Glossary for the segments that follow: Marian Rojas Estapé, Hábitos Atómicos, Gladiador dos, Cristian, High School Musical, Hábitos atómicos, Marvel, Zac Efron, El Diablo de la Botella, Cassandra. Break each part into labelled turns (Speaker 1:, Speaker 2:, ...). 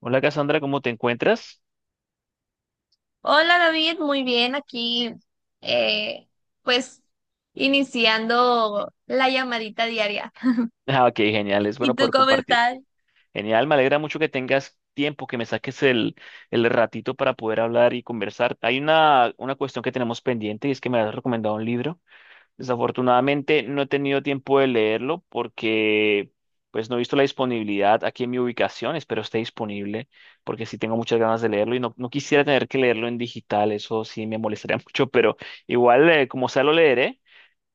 Speaker 1: Hola Cassandra, ¿cómo te encuentras?
Speaker 2: Hola David, muy bien aquí, eh, pues iniciando la llamadita diaria.
Speaker 1: Ah, ok, genial, es bueno
Speaker 2: ¿Y tú
Speaker 1: poder
Speaker 2: cómo
Speaker 1: compartir.
Speaker 2: estás?
Speaker 1: Genial, me alegra mucho que tengas tiempo, que me saques el ratito para poder hablar y conversar. Hay una cuestión que tenemos pendiente y es que me has recomendado un libro. Desafortunadamente no he tenido tiempo de leerlo porque pues no he visto la disponibilidad aquí en mi ubicación, espero esté disponible porque sí tengo muchas ganas de leerlo y no, no quisiera tener que leerlo en digital, eso sí me molestaría mucho, pero igual como sea lo leeré.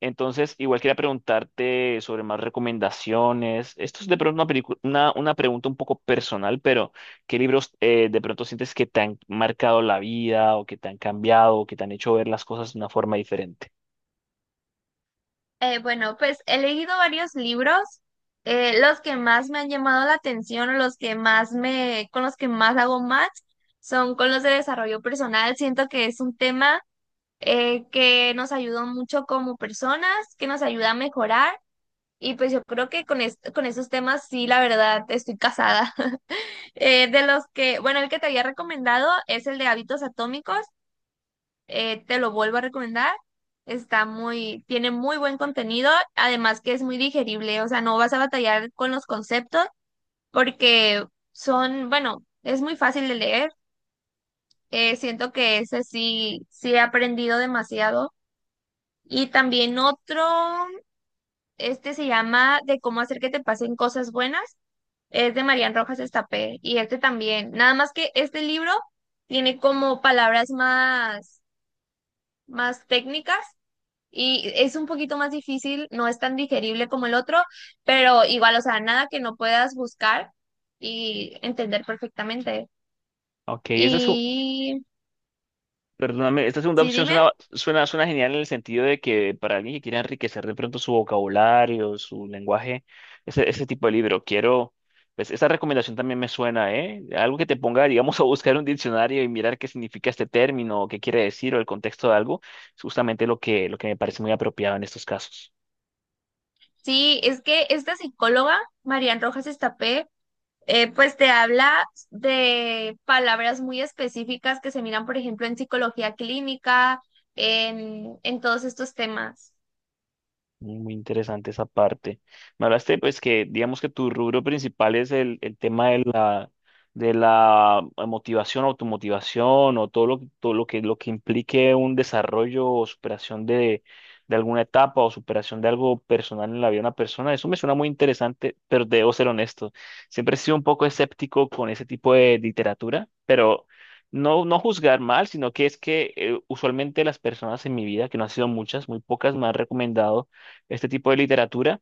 Speaker 1: Entonces, igual quería preguntarte sobre más recomendaciones. Esto es de pronto una pregunta un poco personal, pero ¿qué libros de pronto sientes que te han marcado la vida o que te han cambiado o que te han hecho ver las cosas de una forma diferente?
Speaker 2: Bueno, pues he leído varios libros, los que más me han llamado la atención, o los que más con los que más hago match, son con los de desarrollo personal. Siento que es un tema que nos ayuda mucho como personas, que nos ayuda a mejorar, y pues yo creo que con esos temas sí, la verdad, estoy casada. De los que, bueno, El que te había recomendado es el de hábitos atómicos. Te lo vuelvo a recomendar. Está muy, tiene muy buen contenido, además que es muy digerible, o sea, no vas a batallar con los conceptos porque son, bueno, es muy fácil de leer. Siento que ese sí, sí he aprendido demasiado. Y también otro, este se llama de cómo hacer que te pasen cosas buenas. Es de Marian Rojas Estapé y este también. Nada más que este libro tiene como palabras más, más técnicas y es un poquito más difícil, no es tan digerible como el otro, pero igual, o sea, nada que no puedas buscar y entender perfectamente.
Speaker 1: Ok, esa es.
Speaker 2: Y
Speaker 1: Perdóname, esta segunda
Speaker 2: sí,
Speaker 1: opción
Speaker 2: dime,
Speaker 1: suena, suena, suena genial en el sentido de que para alguien que quiera enriquecer de pronto su vocabulario, su lenguaje, ese tipo de libro, quiero, pues esa recomendación también me suena, ¿eh? Algo que te ponga, digamos, a buscar un diccionario y mirar qué significa este término, o qué quiere decir o el contexto de algo, es justamente lo lo que me parece muy apropiado en estos casos.
Speaker 2: sí, es que esta psicóloga, Marian Rojas Estapé, pues te habla de palabras muy específicas que se miran, por ejemplo, en psicología clínica, en todos estos temas.
Speaker 1: Muy interesante esa parte. Me hablaste, pues, que digamos que tu rubro principal es el tema de la motivación, automotivación o todo lo que implique un desarrollo o superación de alguna etapa o superación de algo personal en la vida de una persona. Eso me suena muy interesante, pero debo ser honesto. Siempre he sido un poco escéptico con ese tipo de literatura, pero no, no juzgar mal, sino que es que usualmente las personas en mi vida, que no han sido muchas, muy pocas, me han recomendado este tipo de literatura,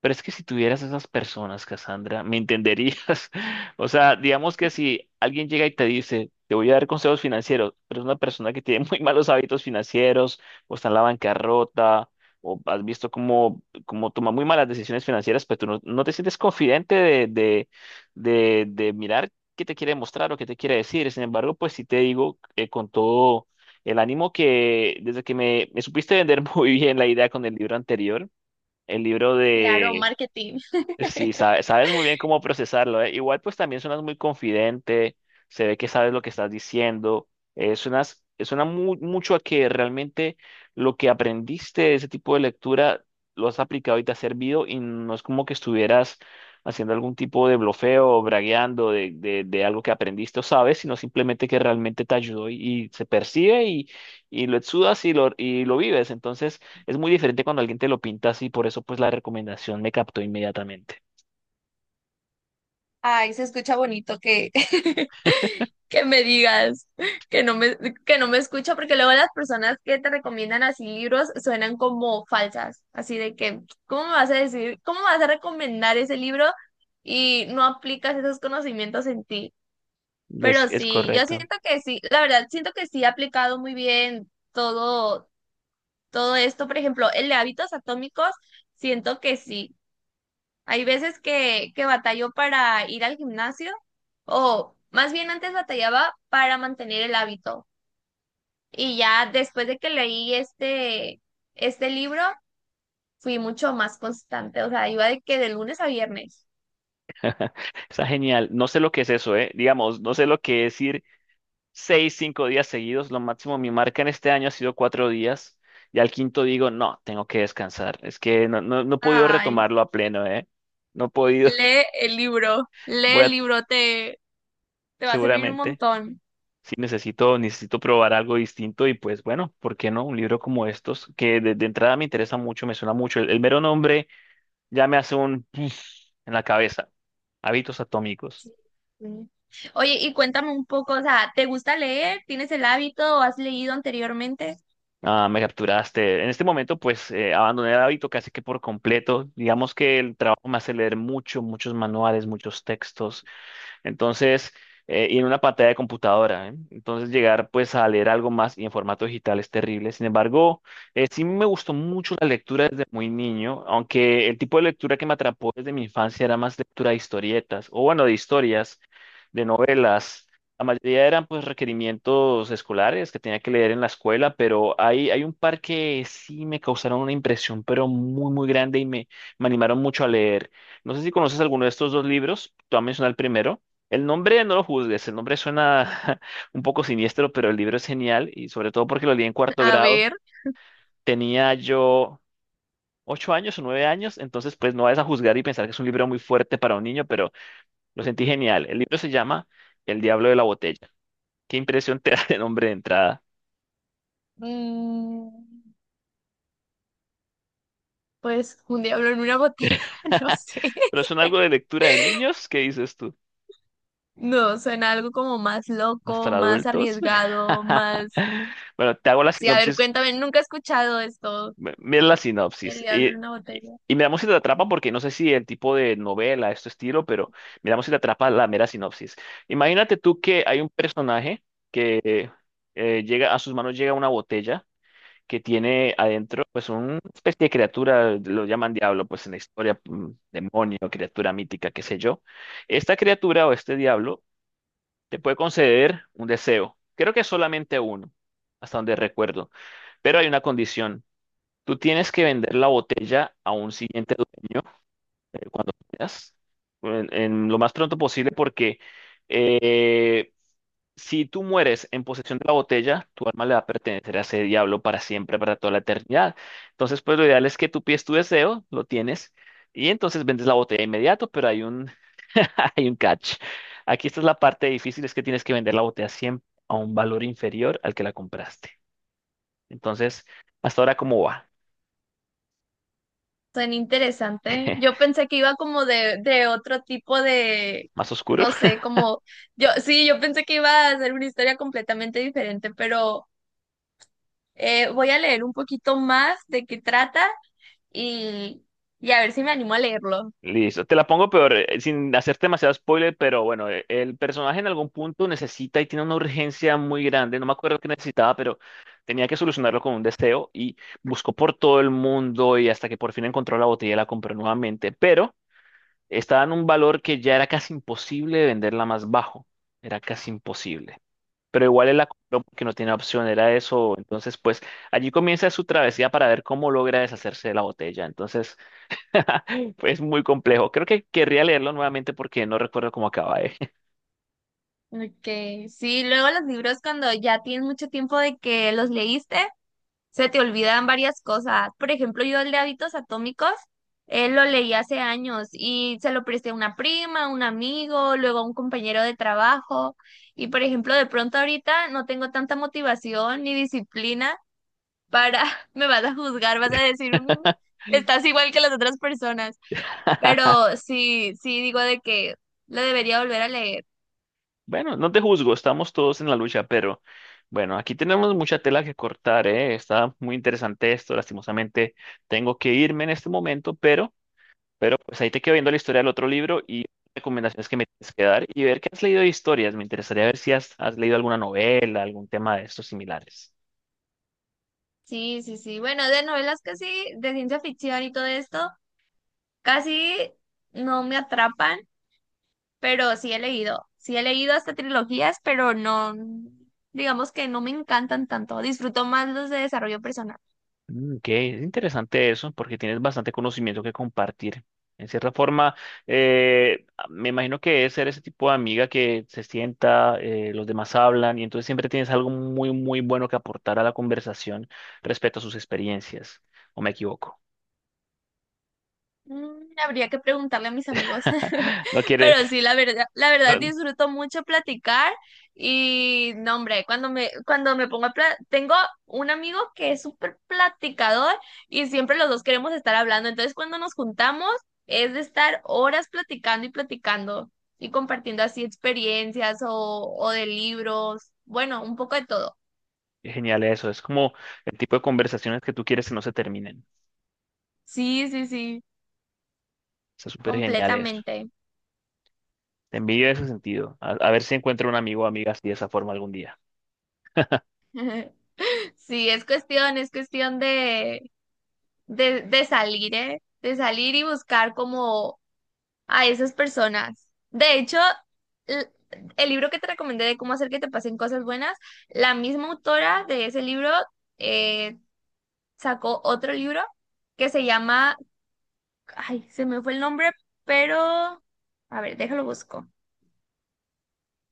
Speaker 1: pero es que si tuvieras esas personas, Cassandra, me entenderías. O sea, digamos que si alguien llega y te dice, te voy a dar consejos financieros, pero es una persona que tiene muy malos hábitos financieros, o está en la bancarrota, o has visto cómo, cómo toma muy malas decisiones financieras, pero tú no, no te sientes confidente de mirar qué te quiere mostrar o qué te quiere decir. Sin embargo, pues sí te digo con todo el ánimo que desde que me supiste vender muy bien la idea con el libro anterior, el libro
Speaker 2: Claro,
Speaker 1: de...
Speaker 2: marketing.
Speaker 1: Sí, sabes muy bien cómo procesarlo, ¿eh? Igual pues también suenas muy confidente, se ve que sabes lo que estás diciendo, mucho a que realmente lo que aprendiste de ese tipo de lectura lo has aplicado y te ha servido y no es como que estuvieras haciendo algún tipo de blofeo o bragueando de algo que aprendiste o sabes, sino simplemente que realmente te ayudó y se percibe y lo exudas y lo vives. Entonces... Es muy diferente cuando alguien te lo pinta así, por eso pues la recomendación me captó inmediatamente.
Speaker 2: Ay, se escucha bonito que, que me digas que no que no me escucha, porque luego las personas que te recomiendan así libros suenan como falsas, así de que, ¿cómo me vas a decir, cómo me vas a recomendar ese libro y no aplicas esos conocimientos en ti? Pero
Speaker 1: Es
Speaker 2: sí, yo
Speaker 1: correcto.
Speaker 2: siento que sí, la verdad, siento que sí ha aplicado muy bien todo, todo esto. Por ejemplo, el de hábitos atómicos, siento que sí. Hay veces que batallo para ir al gimnasio, o más bien antes batallaba para mantener el hábito. Y ya después de que leí este libro, fui mucho más constante. O sea, iba de que de lunes a viernes.
Speaker 1: Está genial. No sé lo que es eso, ¿eh? Digamos, no sé lo que es ir seis, cinco días seguidos. Lo máximo, mi marca en este año ha sido cuatro días. Y al quinto digo, no, tengo que descansar. Es que no, no, no he podido
Speaker 2: Ay,
Speaker 1: retomarlo a pleno, ¿eh? No he podido.
Speaker 2: lee el libro,
Speaker 1: Voy a,
Speaker 2: te va a servir un
Speaker 1: seguramente,
Speaker 2: montón.
Speaker 1: sí necesito, necesito probar algo distinto. Y pues bueno, ¿por qué no? Un libro como estos, que de entrada me interesa mucho, me suena mucho. El mero nombre. Ya me hace un en la cabeza. Hábitos atómicos.
Speaker 2: Sí. Sí. Oye, y cuéntame un poco, o sea, ¿te gusta leer? ¿Tienes el hábito o has leído anteriormente?
Speaker 1: Ah, me capturaste. En este momento, pues, abandoné el hábito casi que por completo. Digamos que el trabajo me hace leer mucho, muchos manuales, muchos textos. Entonces, y en una pantalla de computadora, ¿eh? Entonces, llegar pues a leer algo más y en formato digital es terrible. Sin embargo, sí me gustó mucho la lectura desde muy niño, aunque el tipo de lectura que me atrapó desde mi infancia era más lectura de historietas, o bueno, de historias, de novelas. La mayoría eran pues requerimientos escolares que tenía que leer en la escuela, pero hay un par que sí me causaron una impresión, pero muy, muy grande y me animaron mucho a leer. No sé si conoces alguno de estos dos libros, tú has mencionado el primero. El nombre no lo juzgues, el nombre suena un poco siniestro, pero el libro es genial y sobre todo porque lo leí en cuarto
Speaker 2: A
Speaker 1: grado.
Speaker 2: ver,
Speaker 1: Tenía yo ocho años o nueve años, entonces pues no vayas a juzgar y pensar que es un libro muy fuerte para un niño, pero lo sentí genial. El libro se llama El Diablo de la Botella. ¿Qué impresión te da el nombre de entrada?
Speaker 2: mm, pues un diablo en una botella, no sé.
Speaker 1: ¿Pero son algo de lectura de niños? ¿Qué dices tú?
Speaker 2: No, suena algo como más
Speaker 1: ¿Más
Speaker 2: loco,
Speaker 1: para
Speaker 2: más
Speaker 1: adultos?
Speaker 2: arriesgado, más...
Speaker 1: Bueno, te hago la
Speaker 2: Sí, a ver,
Speaker 1: sinopsis.
Speaker 2: cuéntame, nunca he escuchado esto,
Speaker 1: Mira la
Speaker 2: el
Speaker 1: sinopsis.
Speaker 2: diablo en una
Speaker 1: Y,
Speaker 2: botella.
Speaker 1: y miramos si te atrapa, porque no sé si el tipo de novela, este estilo, pero miramos si te atrapa la mera sinopsis. Imagínate tú que hay un personaje que a sus manos llega una botella que tiene adentro pues una especie de criatura, lo llaman diablo pues en la historia, demonio, criatura mítica, qué sé yo. Esta criatura o este diablo te puede conceder un deseo, creo que solamente uno, hasta donde recuerdo, pero hay una condición. Tú tienes que vender la botella a un siguiente dueño cuando puedas, en lo más pronto posible porque... eh, si tú mueres en posesión de la botella, tu alma le va a pertenecer a ese diablo para siempre, para toda la eternidad. Entonces, pues lo ideal es que tú pides tu deseo, lo tienes, y entonces vendes la botella de inmediato, pero hay un, hay un catch. Aquí esta es la parte difícil, es que tienes que vender la botella siempre a un valor inferior al que la compraste. Entonces, hasta ahora, ¿cómo va?
Speaker 2: Suena interesante. Yo pensé que iba como de otro tipo de,
Speaker 1: ¿Más oscuro?
Speaker 2: no sé, como... Yo, sí, yo pensé que iba a ser una historia completamente diferente, pero... Voy a leer un poquito más de qué trata y, y a ver si me animo a leerlo.
Speaker 1: Listo, te la pongo peor, sin hacerte demasiado spoiler, pero bueno, el personaje en algún punto necesita y tiene una urgencia muy grande, no me acuerdo qué necesitaba, pero tenía que solucionarlo con un deseo y buscó por todo el mundo y hasta que por fin encontró la botella y la compró nuevamente, pero estaba en un valor que ya era casi imposible de venderla más bajo, era casi imposible, pero igual él la compró porque no tenía opción, era eso, entonces pues allí comienza su travesía para ver cómo logra deshacerse de la botella, entonces... Es muy complejo. Creo que querría leerlo nuevamente porque no recuerdo cómo acaba, ¿eh?
Speaker 2: Ok, sí, luego los libros cuando ya tienes mucho tiempo de que los leíste, se te olvidan varias cosas. Por ejemplo, yo el de Hábitos Atómicos, él lo leí hace años y se lo presté a una prima, a un amigo, luego a un compañero de trabajo. Y por ejemplo, de pronto ahorita no tengo tanta motivación ni disciplina para, me vas a juzgar, vas a decir, "Mm, estás igual que las otras personas. Pero sí, sí digo de que lo debería volver a leer.
Speaker 1: Bueno, no te juzgo, estamos todos en la lucha, pero bueno, aquí tenemos mucha tela que cortar, ¿eh? Está muy interesante esto, lastimosamente tengo que irme en este momento, pero pues ahí te quedo viendo la historia del otro libro y recomendaciones que me tienes que dar y ver qué has leído de historias. Me interesaría ver si has, has leído alguna novela, algún tema de estos similares.
Speaker 2: Sí, sí, sí. Bueno, de novelas casi, de ciencia ficción y todo esto, casi no me atrapan, pero sí he leído. Sí he leído hasta trilogías, pero no, digamos que no me encantan tanto. Disfruto más los de desarrollo personal.
Speaker 1: Mm, ok, es interesante eso porque tienes bastante conocimiento que compartir. En cierta forma, me imagino que es ser ese tipo de amiga que se sienta, los demás hablan y entonces siempre tienes algo muy, muy bueno que aportar a la conversación respecto a sus experiencias. ¿O me equivoco?
Speaker 2: Mm, habría que preguntarle a mis amigos,
Speaker 1: No quieres...
Speaker 2: pero sí, la verdad
Speaker 1: no-
Speaker 2: disfruto mucho platicar y no, hombre, cuando me pongo a pla- tengo un amigo que es súper platicador y siempre los dos queremos estar hablando, entonces cuando nos juntamos es de estar horas platicando y platicando y compartiendo así experiencias o de libros, bueno, un poco de todo.
Speaker 1: Genial eso. Es como el tipo de conversaciones que tú quieres que no se terminen.
Speaker 2: Sí, sí, sí,
Speaker 1: Está súper genial eso.
Speaker 2: completamente.
Speaker 1: Te envidio en ese sentido. A ver si encuentro un amigo o amiga así de esa forma algún día.
Speaker 2: Sí, es cuestión de salir, ¿eh? De salir y buscar como a esas personas. De hecho, l- el libro que te recomendé de cómo hacer que te pasen cosas buenas, la misma autora de ese libro eh, sacó otro libro que se llama, ay, se me fue el nombre, pero, a ver, déjalo busco.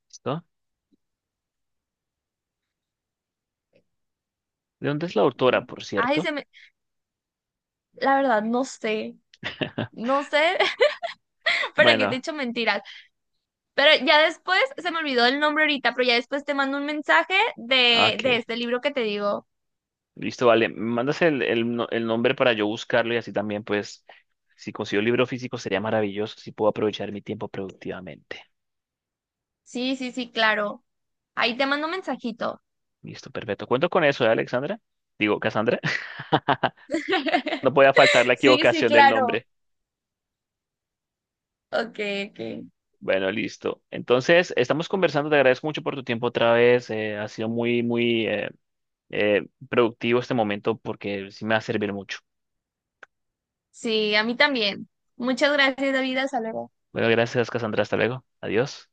Speaker 1: ¿Listo? ¿De dónde es la autora, por
Speaker 2: Ay, se
Speaker 1: cierto?
Speaker 2: me, la verdad, no sé. No sé para qué te he
Speaker 1: Bueno,
Speaker 2: hecho mentiras, pero ya después se me olvidó el nombre ahorita, pero ya después te mando un mensaje
Speaker 1: ok.
Speaker 2: de este libro que te digo.
Speaker 1: Listo, vale. ¿Me mandas el, no- el nombre para yo buscarlo y así también, pues, si consigo el libro físico sería maravilloso si puedo aprovechar mi tiempo productivamente.
Speaker 2: Sí, sí, sí, claro. Ahí te mando un mensajito.
Speaker 1: Listo, perfecto. Cuento con eso, ¿eh, Alexandra? Digo, Cassandra. No podía faltar la
Speaker 2: Sí, sí,
Speaker 1: equivocación del
Speaker 2: claro.
Speaker 1: nombre.
Speaker 2: Ok, ok.
Speaker 1: Bueno, listo. Entonces, estamos conversando. Te agradezco mucho por tu tiempo otra vez. Ha sido muy, muy productivo este momento porque sí me va a servir mucho.
Speaker 2: Sí, a mí también. Muchas gracias, David. Hasta luego.
Speaker 1: Bueno, gracias, Cassandra. Hasta luego. Adiós.